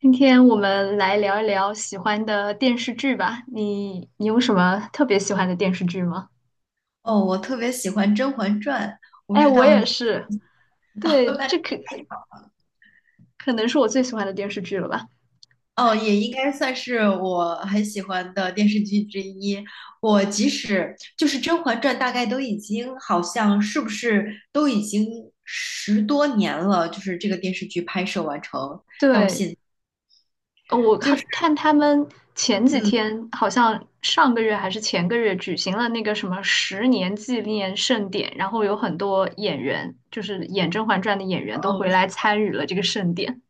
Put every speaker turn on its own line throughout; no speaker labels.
今天我们来聊一聊喜欢的电视剧吧。你有什么特别喜欢的电视剧吗？
哦，我特别喜欢《甄嬛传》，我不
哎，
知
我
道
也
你
是。
哦，
对，
那
这可能是我最喜欢的电视剧了吧？
哦
哎，
也应该算是我很喜欢的电视剧之一。我即使就是《甄嬛传》，大概都已经好像是不是都已经十多年了，就是这个电视剧拍摄完成。
对，我
就
看
是
看他们前几
嗯，
天好像上个月还是前个月举行了那个什么十年纪念盛典，然后有很多演员，就是演《甄嬛传》的演员都
哦，
回来参与了这个盛典。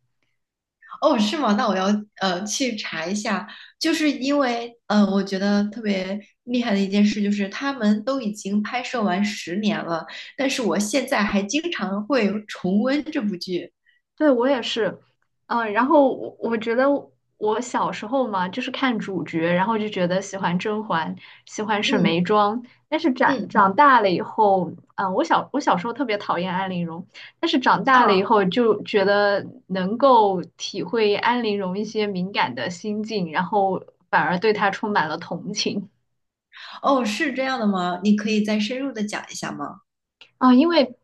哦，是吗？那我要去查一下，就是因为我觉得特别厉害的一件事就是他们都已经拍摄完十年了，但是我现在还经常会重温这部剧。
对，我也是，嗯，然后我觉得我小时候嘛，就是看主角，然后就觉得喜欢甄嬛，喜欢沈
嗯
眉庄，但是长
嗯
长大了以后，嗯，我小时候特别讨厌安陵容，但是长大了以
啊，
后就觉得能够体会安陵容一些敏感的心境，然后反而对她充满了同情。
哦，是这样的吗？你可以再深入的讲一下吗？
啊，因为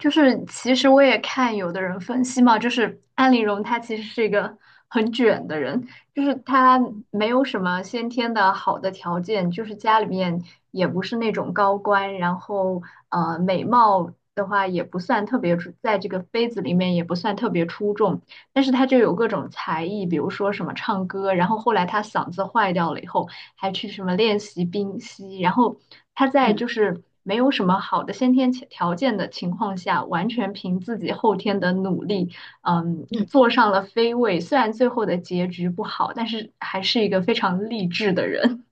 就是其实我也看有的人分析嘛，就是安陵容她其实是一个很卷的人，就是她没有什么先天的好的条件，就是家里面也不是那种高官，然后美貌的话也不算特别出，在这个妃子里面也不算特别出众，但是她就有各种才艺，比如说什么唱歌，然后后来她嗓子坏掉了以后。还去什么练习冰嬉，然后他在
嗯
就是没有什么好的先天条件的情况下，完全凭自己后天的努力，嗯，
嗯，
坐上了飞位。虽然最后的结局不好，但是还是一个非常励志的人。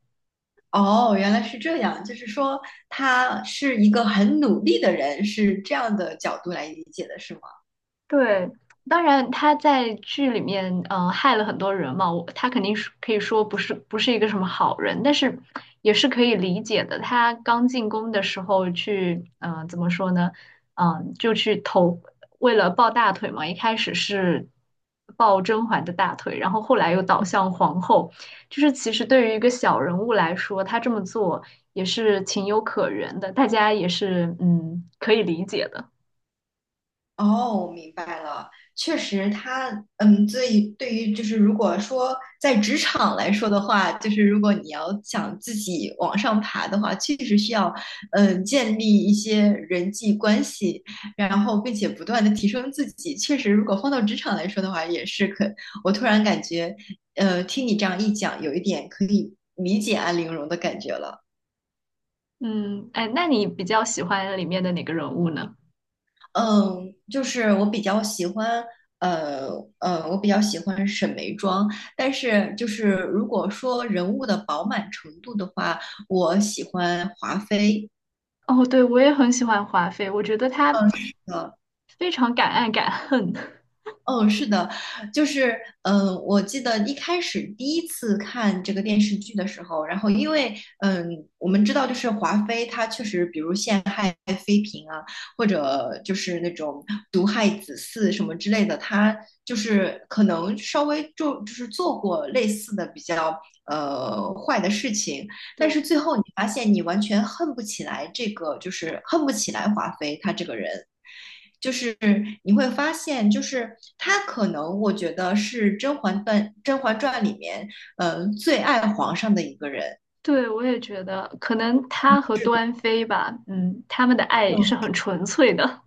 哦，原来是这样，就是说他是一个很努力的人，是这样的角度来理解的，是吗？
对，当然他在剧里面，嗯、害了很多人嘛，我他肯定是可以说不是一个什么好人，但是也是可以理解的。他刚进宫的时候去，嗯、怎么说呢？嗯、就去投，为了抱大腿嘛，一开始是抱甄嬛的大腿，然后后来又倒向皇后，就是其实对于一个小人物来说，他这么做也是情有可原的，大家也是嗯可以理解的。
哦，明白了。确实他，嗯，对，对于就是如果说在职场来说的话，就是如果你要想自己往上爬的话，确实需要，嗯，建立一些人际关系，然后并且不断的提升自己。确实，如果放到职场来说的话，也是可。我突然感觉，听你这样一讲，有一点可以理解安陵容的感觉了。
嗯，哎，那你比较喜欢里面的哪个人物呢？
嗯，就是我比较喜欢，呃我比较喜欢沈眉庄，但是就是如果说人物的饱满程度的话，我喜欢华妃。
哦，对，我也很喜欢华妃，我觉得她
呃，
非常敢爱敢恨。
嗯，是的，就是，嗯，我记得一开始第一次看这个电视剧的时候，然后因为，嗯，我们知道就是华妃她确实，比如陷害妃嫔啊，或者就是那种毒害子嗣什么之类的，她就是可能稍微就是做过类似的比较坏的事情，但是
对，
最后你发现你完全恨不起来这个，就是恨不起来华妃她这个人，就是你会发现，就是他可能我觉得是《甄嬛传》里面，最爱皇上的一个人。
对，我也觉得，可能她和
是的，
端妃吧，嗯，他们的爱是很纯粹的，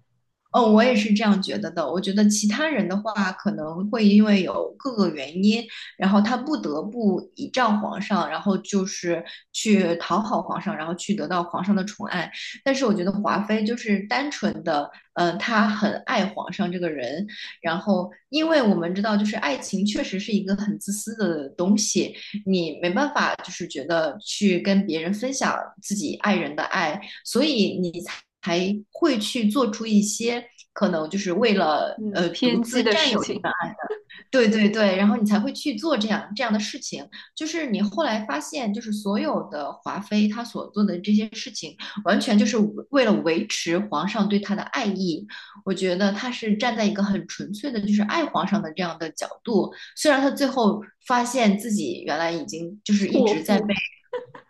嗯，我也是这样觉得的。我觉得其他人的话，可能会因为有各个原因，然后他不得不倚仗皇上，然后就是去讨好皇上，然后去得到皇上的宠爱。但是我觉得华妃就是单纯的，她很爱皇上这个人。然后，因为我们知道，就是爱情确实是一个很自私的东西，你没办法就是觉得去跟别人分享自己爱人的爱，所以你才会去做出一些可能就是为了
嗯，
独
偏
自
激的
占有
事
这
情，
份爱，对对对，然后你才会去做这样的事情。就是你后来发现，就是所有的华妃她所做的这些事情，完全就是为了维持皇上对她的爱意。我觉得她是站在一个很纯粹的，就是爱皇上的这样的角度。虽然她最后发现自己原来已经就是一
错
直在被
付。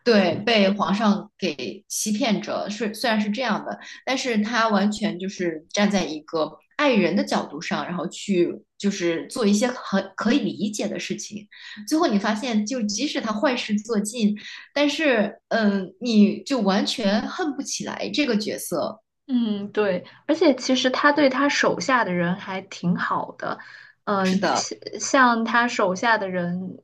对，被皇上给欺骗着，是虽然是这样的，但是他完全就是站在一个爱人的角度上，然后去就是做一些很可以理解的事情。最后你发现，就即使他坏事做尽，但是嗯，你就完全恨不起来这个角色。
嗯，对，而且其实他对他手下的人还挺好的，
是
嗯、
的，
像他手下的人，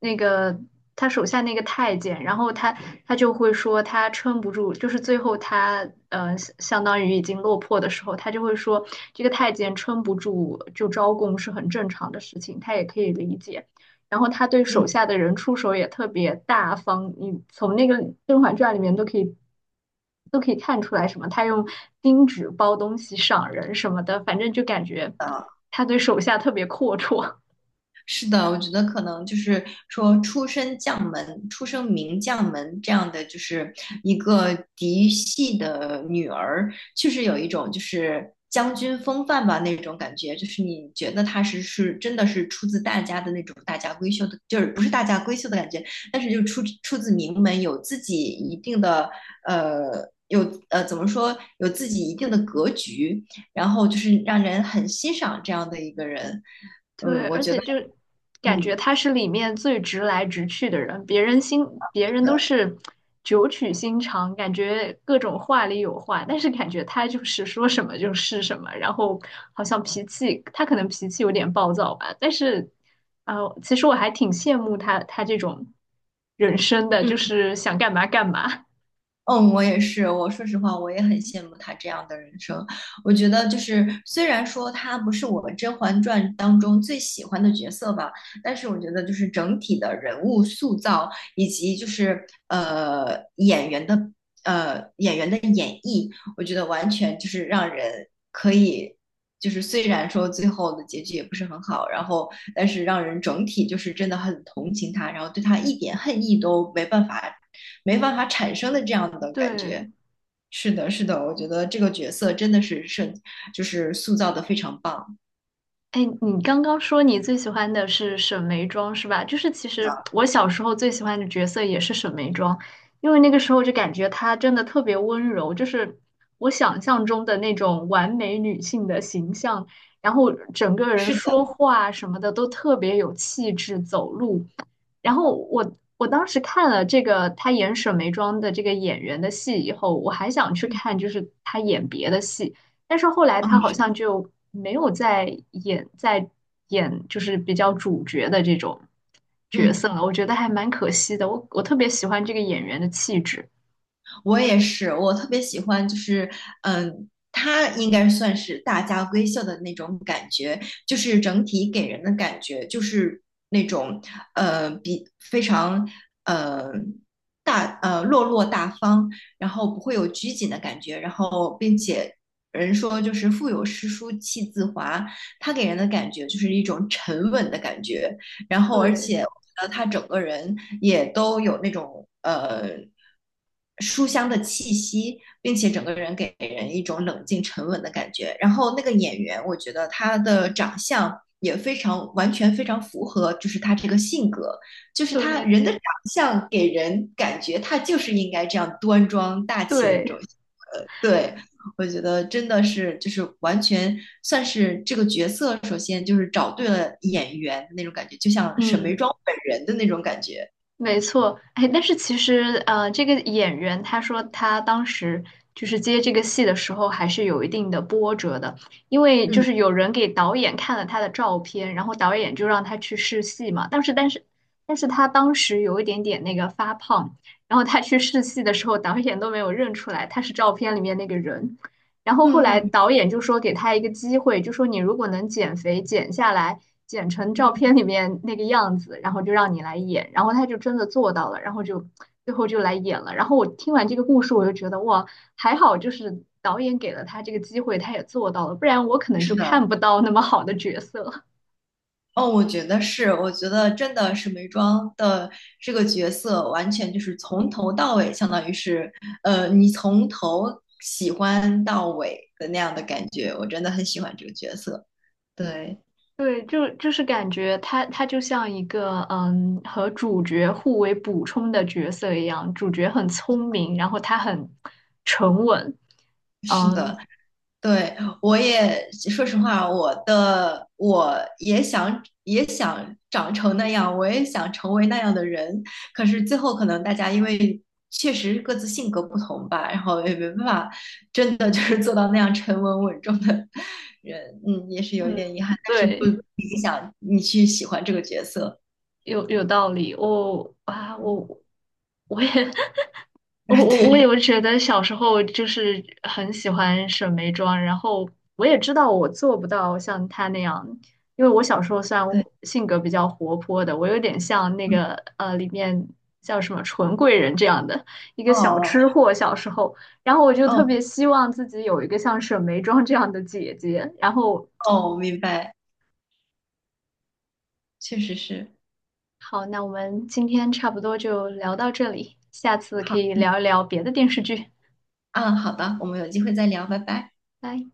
那个他手下那个太监，然后他他就会说他撑不住，就是最后他相当于已经落魄的时候，他就会说这个太监撑不住就招供是很正常的事情，他也可以理解。然后他对
嗯。
手下的人出手也特别大方，你从那个《甄嬛传》里面都可以看出来什么，他用金纸包东西赏人什么的，反正就感觉他对手下特别阔绰。
是的，我觉得可能就是说出身将门、出生名将门这样的，就是一个嫡系的女儿，确实有一种就是将军风范吧那种感觉，就是你觉得她是真的是出自大家的那种大家闺秀的，就是不是大家闺秀的感觉，但是就出自名门，有自己一定的呃。有怎么说？有自己一定的格局，然后就是让人很欣赏这样的一个人。嗯，
对，
我
而
觉得。
且就感觉
嗯，
他是里面最直来直去的人，别
是
人都
的，
是九曲心肠，感觉各种话里有话，但是感觉他就是说什么就是什么，然后好像脾气他可能有点暴躁吧，但是其实我还挺羡慕他这种人生的，
嗯
就是想干嘛干嘛。
嗯，我也是。我说实话，我也很羡慕他这样的人生。我觉得，就是虽然说他不是我《甄嬛传》当中最喜欢的角色吧，但是我觉得，就是整体的人物塑造以及就是呃演员的演员的演绎，我觉得完全就是让人可以，就是虽然说最后的结局也不是很好，然后但是让人整体就是真的很同情他，然后对他一点恨意都没办法产生的这样 的感
对，
觉。是的，是的，我觉得这个角色真的是设，就是塑造的非常棒。
哎，你刚刚说你最喜欢的是沈眉庄是吧？就是其实
啊，
我小时候最喜欢的角色也是沈眉庄，因为那个时候就感觉她真的特别温柔，就是我想象中的那种完美女性的形象，然后整个人
是的，
说话什么的都特别有气质，走路。然后我当时看了这个她演沈眉庄的这个演员的戏以后，我还想去
嗯，
看就是她演别的戏。但是后来
啊，
他好
是
像就没有再演就是比较主角的这种角色
嗯。
了，我觉得还蛮可惜的。我特别喜欢这个演员的气质，
我也是，我特别喜欢，就是嗯，它应该算是大家闺秀的那种感觉，就是整体给人的感觉就是那种呃比非常呃大呃落落大方，然后不会有拘谨的感觉，然后并且。人说就是腹有诗书气自华，它给人的感觉就是一种沉稳的感觉，然后而
对
且我觉得他整个人也都有那种书香的气息，并且整个人给人一种冷静沉稳的感觉。然后那个演员，我觉得他的长相。也非常完全非常符合，就是他这个性格，就是他
对
人的长相给人感觉他就是应该这样端庄大气的这
对，
种对，我觉得真的是就是完全算是这个角色，首先就是找对了演员的那种感觉，就像沈眉
嗯。
庄本人的那种感觉。
没错，哎，但是其实，这个演员他说他当时就是接这个戏的时候，还是有一定的波折的，因为就
嗯
是有人给导演看了他的照片，然后导演就让他去试戏嘛。但是他当时有一点点那个发胖，然后他去试戏的时候，导演都没有认出来他是照片里面那个人。然后后
嗯
来
嗯
导演就说给他一个机会，就说你如果能减肥减下来，减成照
嗯，
片里面那个样子，然后就让你来演。然后他就真的做到了，然后就最后就来演了。然后我听完这个故事，我就觉得哇，还好就是导演给了他这个机会，他也做到了，不然我可能
是
就
的，
看不到那么好的角色。
哦，我觉得是，我觉得真的沈眉庄的这个角色完全就是从头到尾，相当于是你从头喜欢到尾的那样的感觉，我真的很喜欢这个角色。对，
对，就就是感觉他就像一个嗯和主角互为补充的角色一样，主角很聪明，然后他很沉稳，
是的，
嗯
对，我也说实话，我也想长成那样，我也想成为那样的人。可是最后可能大家因为确实各自性格不同吧，然后也没办法真的就是做到那样沉稳稳重的人，嗯，也是有一点遗
嗯，
憾，但是不
对，
影响你去喜欢这个角色。
有有道理，我啊 我我也 我
对
有觉得小时候就是很喜欢沈眉庄，然后我也知道我做不到像她那样，因为我小时候虽然
对，
性格比较活泼的，我有点像那
嗯，
个里面叫什么纯贵人这样的一个小
哦
吃货小时候，然后我就特
哦
别希望自己有一个像沈眉庄这样的姐姐。然后
哦，明白，确实是。
好，那我们今天差不多就聊到这里，下次可
好，
以聊一聊别的电视剧，
嗯，好的，我们有机会再聊，拜拜。
拜。